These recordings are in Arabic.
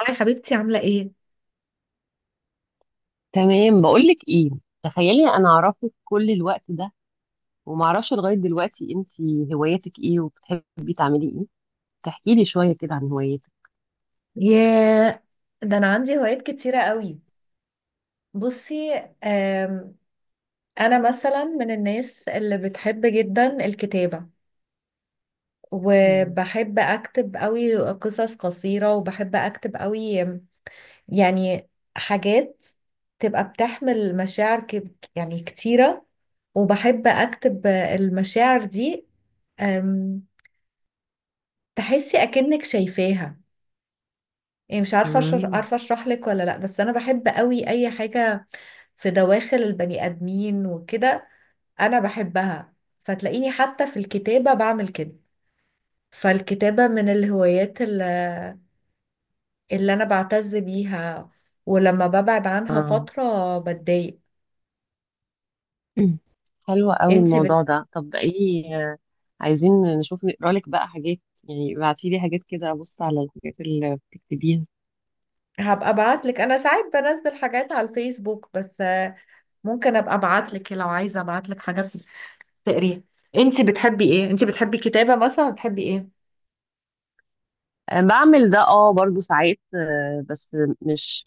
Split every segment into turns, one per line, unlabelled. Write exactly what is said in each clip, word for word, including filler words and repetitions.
هاي حبيبتي عاملة ايه؟
تمام، بقولك ايه. تخيلي انا اعرفك كل الوقت ده وما اعرفش لغايه دلوقتي انتي هواياتك ايه وبتحبي تعملي ايه؟ تحكي لي شويه كده عن هواياتك.
ياه، ده انا عندي هوايات كتيرة قوي. بصي. آم، انا مثلا من الناس اللي بتحب جدا الكتابة،
مم.
وبحب اكتب قوي قصص قصيرة، وبحب اكتب قوي آم، يعني حاجات تبقى بتحمل مشاعر ك- يعني كتيرة، وبحب اكتب آه، المشاعر دي. آم، تحسي اكنك شايفاها. يعني مش عارفة أشر-
مم.
عارفة اشرح لك ولا لا، بس انا بحب قوي اي حاجة في دواخل البني آدمين وكده. أنا بحبها، فتلاقيني حتى في الكتابة بعمل كده. فالكتابة من الهوايات اللي, اللي أنا بعتز بيها، ولما ببعد عنها
اه.
فترة بتضايق.
حلو قوي
انتي بت...
الموضوع ده. طب ده ايه؟ آه، عايزين نشوف نقرا لك بقى حاجات، يعني ابعتي لي حاجات كده ابص على الحاجات اللي بتكتبيها.
هبقى ابعتلك. انا ساعات بنزل حاجات على الفيسبوك، بس آه، ممكن ابقى ابعتلك لو عايزه ابعتلك حاجات تقريها. انتي بتحبي ايه؟ انتي بتحبي كتابه مثلا، بتحبي ايه؟
آه، بعمل ده، اه برضو ساعات، آه، بس مش،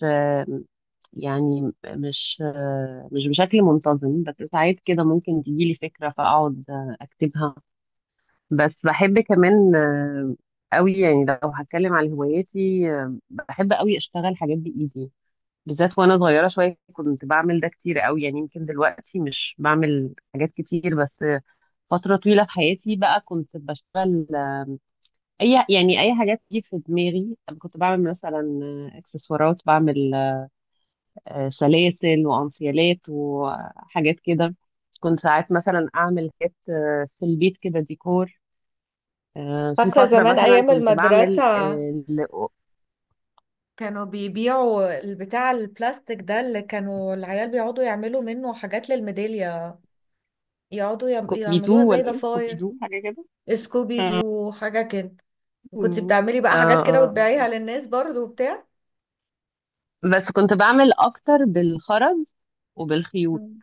يعني م- مش آه، مش بشكل منتظم، بس ساعات كده ممكن تجيلي فكرة فأقعد آه، أكتبها. بس بحب كمان، آه، أوي يعني، لو هتكلم على هواياتي آه، بحب أوي أشتغل حاجات بإيدي، بالذات وأنا صغيرة شوية كنت بعمل ده كتير أوي، يعني يمكن دلوقتي مش بعمل حاجات كتير بس، آه، فترة طويلة في حياتي بقى كنت بشتغل، آه، أي يعني أي حاجات تيجي في دماغي كنت بعمل مثلا آه، إكسسوارات، بعمل آه، سلاسل وانسيالات وحاجات كده. كنت ساعات مثلا اعمل حاجات آه، في البيت كده ديكور، آه، في
فاكره
فترة
زمان
مثلا
ايام
كنت بعمل
المدرسه
آه، ل-
كانوا بيبيعوا البتاع البلاستيك ده اللي كانوا العيال بيقعدوا يعملوا منه حاجات للميدالية، يقعدوا يعم- يعملوها
كوبيدو
زي
ولا ايه،
ضفاير،
كوبيدو حاجة كده.
سكوبي دو حاجة كده. وكنت
مم.
بتعملي بقى
اه
حاجات كده
اه.
وتبيعيها للناس برضو وبتاع.
آه. بس كنت بعمل اكتر بالخرز وبالخيوط،
مم.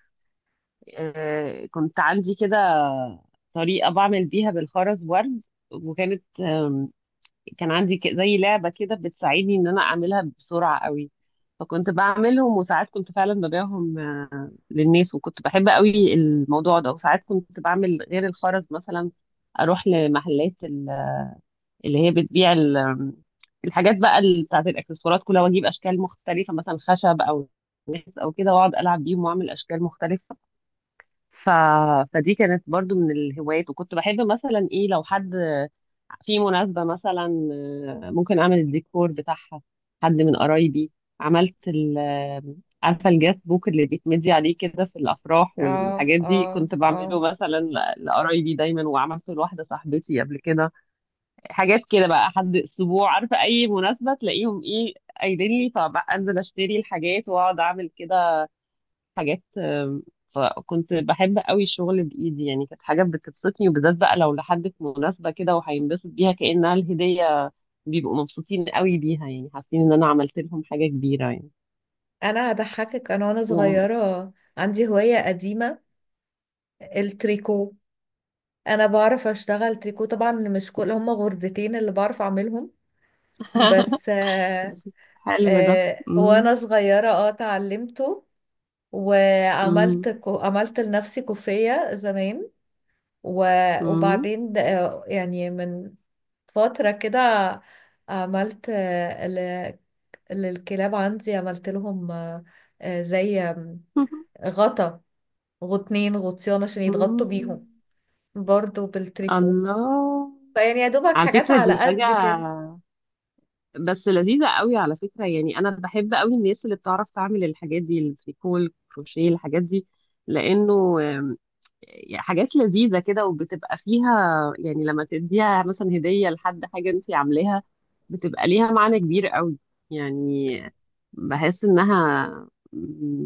آه، كنت عندي كده طريقة بعمل بيها بالخرز ورد، وكانت كان عندي ك- زي لعبة كده بتساعدني إن أنا أعملها بسرعة قوي، فكنت بعملهم وساعات كنت فعلا ببيعهم آه، للناس، وكنت بحب قوي الموضوع ده. وساعات كنت بعمل غير الخرز مثلا أروح لمحلات ال- اللي هي بتبيع ال- الحاجات بقى ال- بتاعت الإكسسوارات كلها، وأجيب أشكال مختلفة مثلا خشب أو نحاس أو كده، وأقعد ألعب بيهم وأعمل أشكال مختلفة. ف... فدي كانت برضو من الهوايات، وكنت بحب مثلا ايه لو حد في مناسبة مثلا، آه، ممكن اعمل الديكور بتاعها، حد من قرايبي. عملت ال آه، عارفة الجات بوك اللي بيتمدي عليه كده في الافراح
اه،
والحاجات دي،
اه،
كنت بعمله
اه.
مثلا ل- لقرايبي دايما، وعملته لواحدة صاحبتي قبل كده. حاجات كده بقى حد اسبوع، عارفة اي مناسبة تلاقيهم ايه قايلين لي، فبقى انزل اشتري الحاجات واقعد اعمل كده حاجات. آم، فكنت بحب قوي الشغل بإيدي، يعني كانت حاجة بتبسطني، وبالذات بقى لو لحد في مناسبة كده وهينبسط بيها كأنها الهدية، بيبقوا مبسوطين قوي بيها، يعني حاسين إن أنا عملت لهم حاجة كبيرة يعني.
انا هضحكك، انا وانا
و...
صغيرة عندي هواية قديمة: التريكو. انا بعرف اشتغل تريكو طبعا، مش كل هم غرزتين اللي بعرف اعملهم، بس آه
بس حلو ده.
آه
مم.
وانا صغيرة اه اتعلمته.
مم.
وعملت كو... عملت لنفسي كوفية زمان. و...
مم.
وبعدين د- يعني من فترة كده عملت آه، ل... للكلاب، عندي عملت لهم آه، آه، زي آم، غطا غطنين غطيان عشان يتغطوا
مم.
بيهم، برضو بالتريكو.
الله،
فيعني يا دوبك
على
حاجات
فكرة
على
دي حاجة
قد كده.
بس لذيذة قوي، على فكرة يعني، أنا بحب قوي الناس اللي بتعرف تعمل الحاجات دي، التريكو، الكروشيه، الحاجات دي، لأنه يعني حاجات لذيذة كده وبتبقى فيها، يعني لما تديها مثلا هدية لحد، حاجة انت عاملاها بتبقى ليها معنى كبير قوي، يعني بحس انها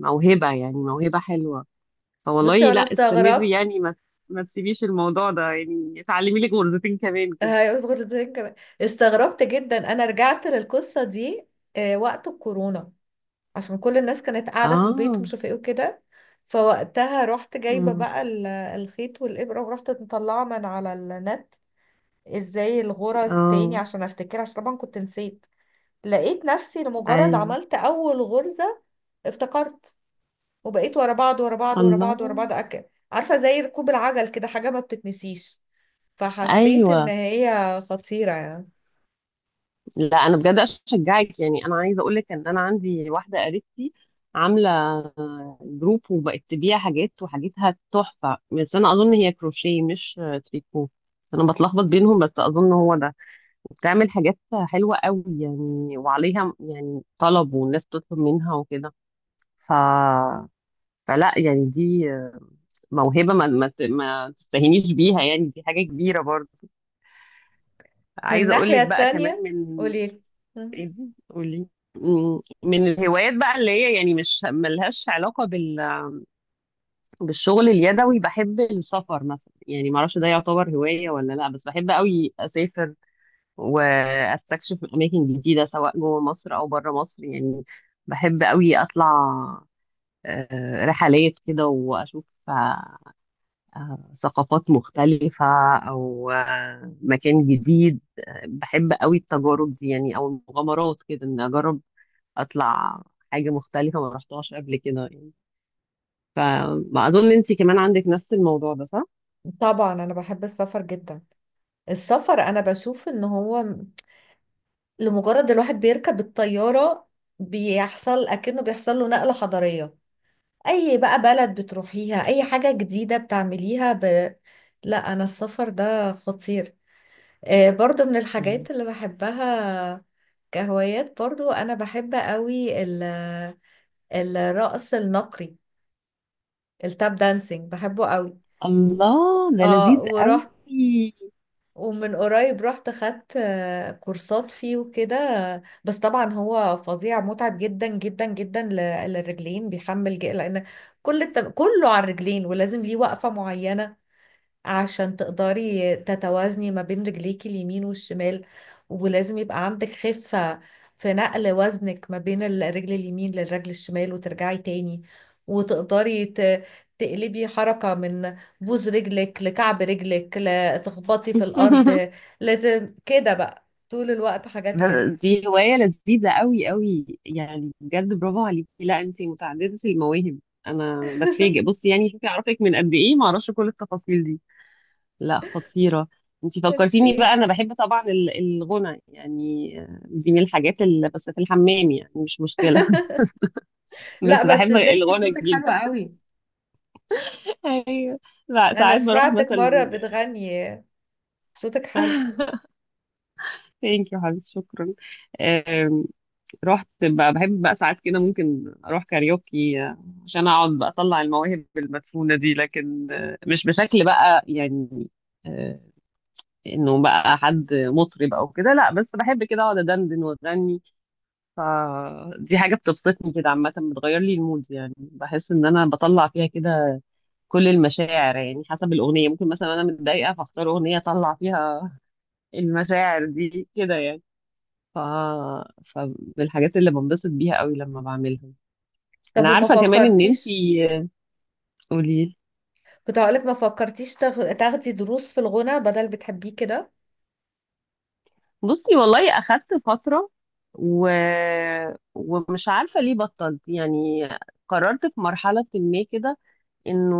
موهبة، يعني موهبة حلوة. فوالله
بصي،
لا
وانا
استمري
استغربت.
يعني، ما ما تسيبيش الموضوع ده، يعني اتعلمي لك غرزتين كمان
آه،
كده.
هيظبط ازاي كمان. استغربت جدا، انا رجعت للقصة دي آه، وقت الكورونا، عشان كل الناس كانت قاعدة في البيت
اه.
ومش عارفة ايه وكده. فوقتها رحت جايبة
أمم.
بقى ال- الخيط والإبرة، ورحت مطلعة من على النت ازاي الغرز تاني
اه.
عشان افتكر، عشان طبعا كنت نسيت. لقيت نفسي لمجرد
ايوه.
عملت أول غرزة افتكرت، وبقيت ورا بعض ورا بعض ورا بعض ورا
الله.
بعض أكل. عارفة زي ركوب العجل كده، حاجة ما بتتنسيش. فحسيت إن
ايوه.
هي خطيرة يعني.
لا انا بجد اشجعك، يعني انا عايزه اقول لك ان انا عندي واحده قريبتي عامله جروب، وبقت تبيع حاجات، وحاجتها تحفه، بس انا اظن هي كروشيه مش تريكو، انا بتلخبط بينهم بس اظن هو ده، وبتعمل حاجات حلوه قوي يعني، وعليها يعني طلب، والناس تطلب منها وكده. ف فلا يعني دي موهبه، ما ما ما تستهينيش بيها، يعني دي حاجه كبيره برضه.
من
عايزه اقول
الناحية
لك بقى كمان
التانية
من.
قوليلي. مم.
ايه دي؟ قولي. م- من الهوايات بقى اللي هي يعني مش ملهاش علاقة بال... بالشغل اليدوي، بحب السفر مثلا، يعني معرفش ده يعتبر هواية ولا لا، بس بحب قوي أسافر وأستكشف أماكن جديدة، سواء جوه مصر أو بره مصر، يعني بحب قوي أطلع آه، رحلات كده وأشوف آه، آه، ثقافات مختلفة، أو آه، مكان جديد، آه، بحب قوي التجارب دي يعني، او المغامرات كده، ان اجرب اطلع حاجه مختلفه ما رحتهاش قبل كده يعني. فاظن انت كمان عندك نفس الموضوع ده، صح؟
طبعا أنا بحب السفر جدا. السفر انا بشوف ان هو لمجرد الواحد بيركب الطيارة بيحصل اكنه بيحصل له نقلة حضارية. اي بقى بلد بتروحيها، اي حاجة جديدة بتعمليها ب... لا، انا السفر ده خطير، آه، برضو من
مم.
الحاجات اللي بحبها كهوايات. برضو انا بحب قوي ال... الرقص النقري، التاب دانسينج، بحبه قوي.
الله، ده
اه،
لذيذ
ورحت،
قوي.
ومن قريب رحت خدت آه، كورسات فيه وكده. بس طبعا هو فظيع، متعب جدا جدا جدا ل- للرجلين، بيحمل ج- لان كل التم... كله على الرجلين، ولازم ليه وقفة معينة عشان تقدري تتوازني ما بين رجليكي اليمين والشمال. ولازم يبقى عندك خفة في نقل وزنك ما بين الرجل اليمين للرجل الشمال، وترجعي تاني، وتقدري ت... تقلبي حركة من بوز رجلك لكعب رجلك لتخبطي في الأرض. لازم كده بقى طول الوقت حاجات
ده-
كده.
دي هوايه لذيذه قوي قوي، يعني بجد برافو عليكي، لا انت متعدده المواهب، انا بتفاجئ، بصي يعني شوفي اعرفك من قد ايه، ما اعرفش كل التفاصيل دي. لا خطيره، انت
ميرسي.
فكرتيني بقى، انا بحب طبعا ال- الغنى يعني، آه، دي من الحاجات اللي بس في الحمام يعني، مش مشكله. بس
لا بس
بحب
ازاي؟ انت
الغنى
صوتك حلو
جدا.
قوي.
ايوه. لا
انا
ساعات بروح
سمعتك مرة
مثلا.
بتغني، صوتك حلو.
ثانك يو حبيبتي، شكرا. آم، رحت بقى، بحب بقى ساعات كده ممكن اروح كاريوكي، آه، عشان اقعد بقى اطلع المواهب المدفونة دي، لكن آه، مش بشكل بقى يعني، آه، انه بقى حد مطرب او كده، لا بس بحب كده اقعد ادندن واغني، فدي حاجة بتبسطني كده عامة، بتغير لي المود، يعني بحس ان انا بطلع فيها كده كل المشاعر يعني، حسب الأغنية، ممكن مثلا أنا متضايقة فأختار أغنية أطلع فيها المشاعر دي كده يعني. ف... فبالحاجات اللي بنبسط بيها قوي لما بعملها.
طب
انا
وما
عارفة كمان ان انتي.
فكرتيش؟
قولي.
كنت هقولك ما فكرتيش تاخ- تاخدي دروس في الغنى بدل بتحبيه كده.
بصي والله اخدت فترة، و... ومش عارفة ليه بطلت يعني، قررت في مرحلة ما كده انه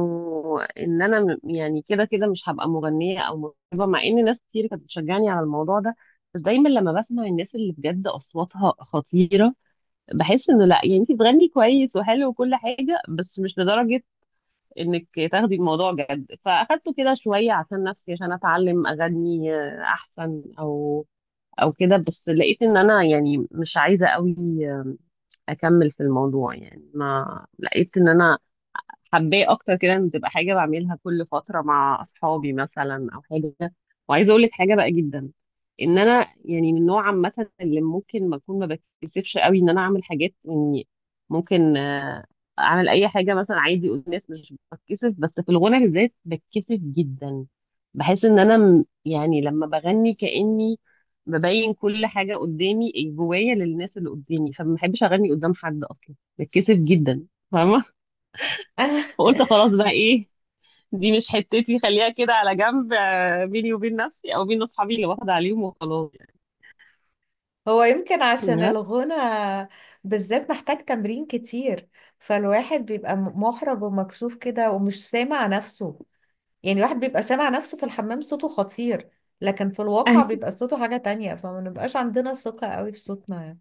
ان انا، م- يعني كده كده مش هبقى مغنية او مطربة، مع ان ناس كتير كانت بتشجعني على الموضوع ده، بس دايما لما بسمع الناس اللي بجد اصواتها خطيرة، بحس انه لا يعني انت بتغني كويس وحلو وكل حاجه بس مش لدرجه انك تاخدي الموضوع جد، فاخدته كده شويه عشان نفسي عشان اتعلم اغني آه، احسن او او كده، بس لقيت ان انا يعني مش عايزه قوي آه، اكمل في الموضوع، يعني ما لقيت ان انا حباه اكتر كده، ان تبقى حاجه بعملها كل فتره مع اصحابي مثلا او حاجه. وعايزه اقول لك حاجه بقى جدا، ان انا يعني من نوع عامه اللي ممكن ما اكون ما بتكسفش قوي ان انا اعمل حاجات، يعني ممكن آه، اعمل اي حاجه مثلا عادي اقول، الناس مش بتكسف، بس في الغنى بالذات بتكسف جدا، بحس ان انا، م- يعني لما بغني كاني ببين كل حاجه قدامي إيه، جوايا للناس اللي قدامي، فما بحبش اغني قدام حد اصلا بتكسف جدا، فاهمه؟ فقلت خلاص بقى، ايه دي مش حتتي، خليها كده على جنب، آه، بيني وبين نفسي او بين اصحابي اللي واخده عليهم وخلاص يعني.
هو يمكن عشان
بس
الغنى بالذات محتاج تمرين كتير، فالواحد بيبقى م- محرج ومكسوف كده ومش سامع نفسه. يعني الواحد بيبقى سامع نفسه في الحمام صوته خطير، لكن في الواقع
أيوة،
بيبقى صوته حاجة تانية، فما نبقاش عندنا ثقة قوي في صوتنا يعني.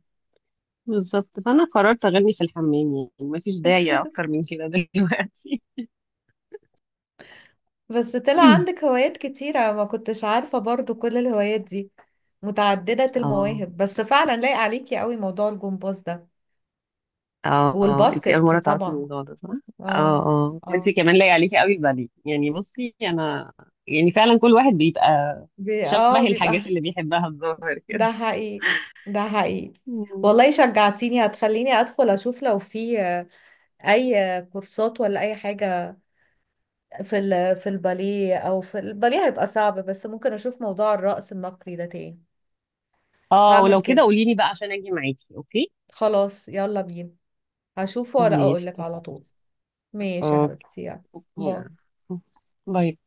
بالظبط، فانا قررت اغني في الحمام يعني، مفيش داعي اكتر من كده. دلوقتي.
بس طلع عندك هوايات كتيرة، ما كنتش عارفة برضو كل الهوايات دي. متعددة
اه
المواهب. بس فعلا لايق عليكي قوي موضوع الجمباز ده،
اه، انتي اول
والباسكت
مره تعرفي
طبعا.
الموضوع ده صح؟ اه
اه،
اه، وانتي
اه،
كمان لايق عليكي قوي الباليه يعني، بصي انا يعني فعلا كل واحد بيبقى
بي اه
شبه الحاجات
بيبقى.
اللي بيحبها، الظاهر
ده
كده.
حقيقي، ده حقيقي.
مم.
والله شجعتيني، هتخليني ادخل اشوف لو في آه، اي كورسات ولا اي حاجة في ال في الباليه، او في الباليه هيبقى صعب، بس ممكن اشوف موضوع الرقص النقري ده تاني.
اه،
هعمل
ولو كده
كده.
قوليلي بقى عشان اجي معاكي، اوكي.
خلاص يلا بينا. هشوفه ولا اقول
ماشي.
لك على طول؟ ماشي يا
أوكيه.
حبيبتي، يلا. باي.
لا يبعد.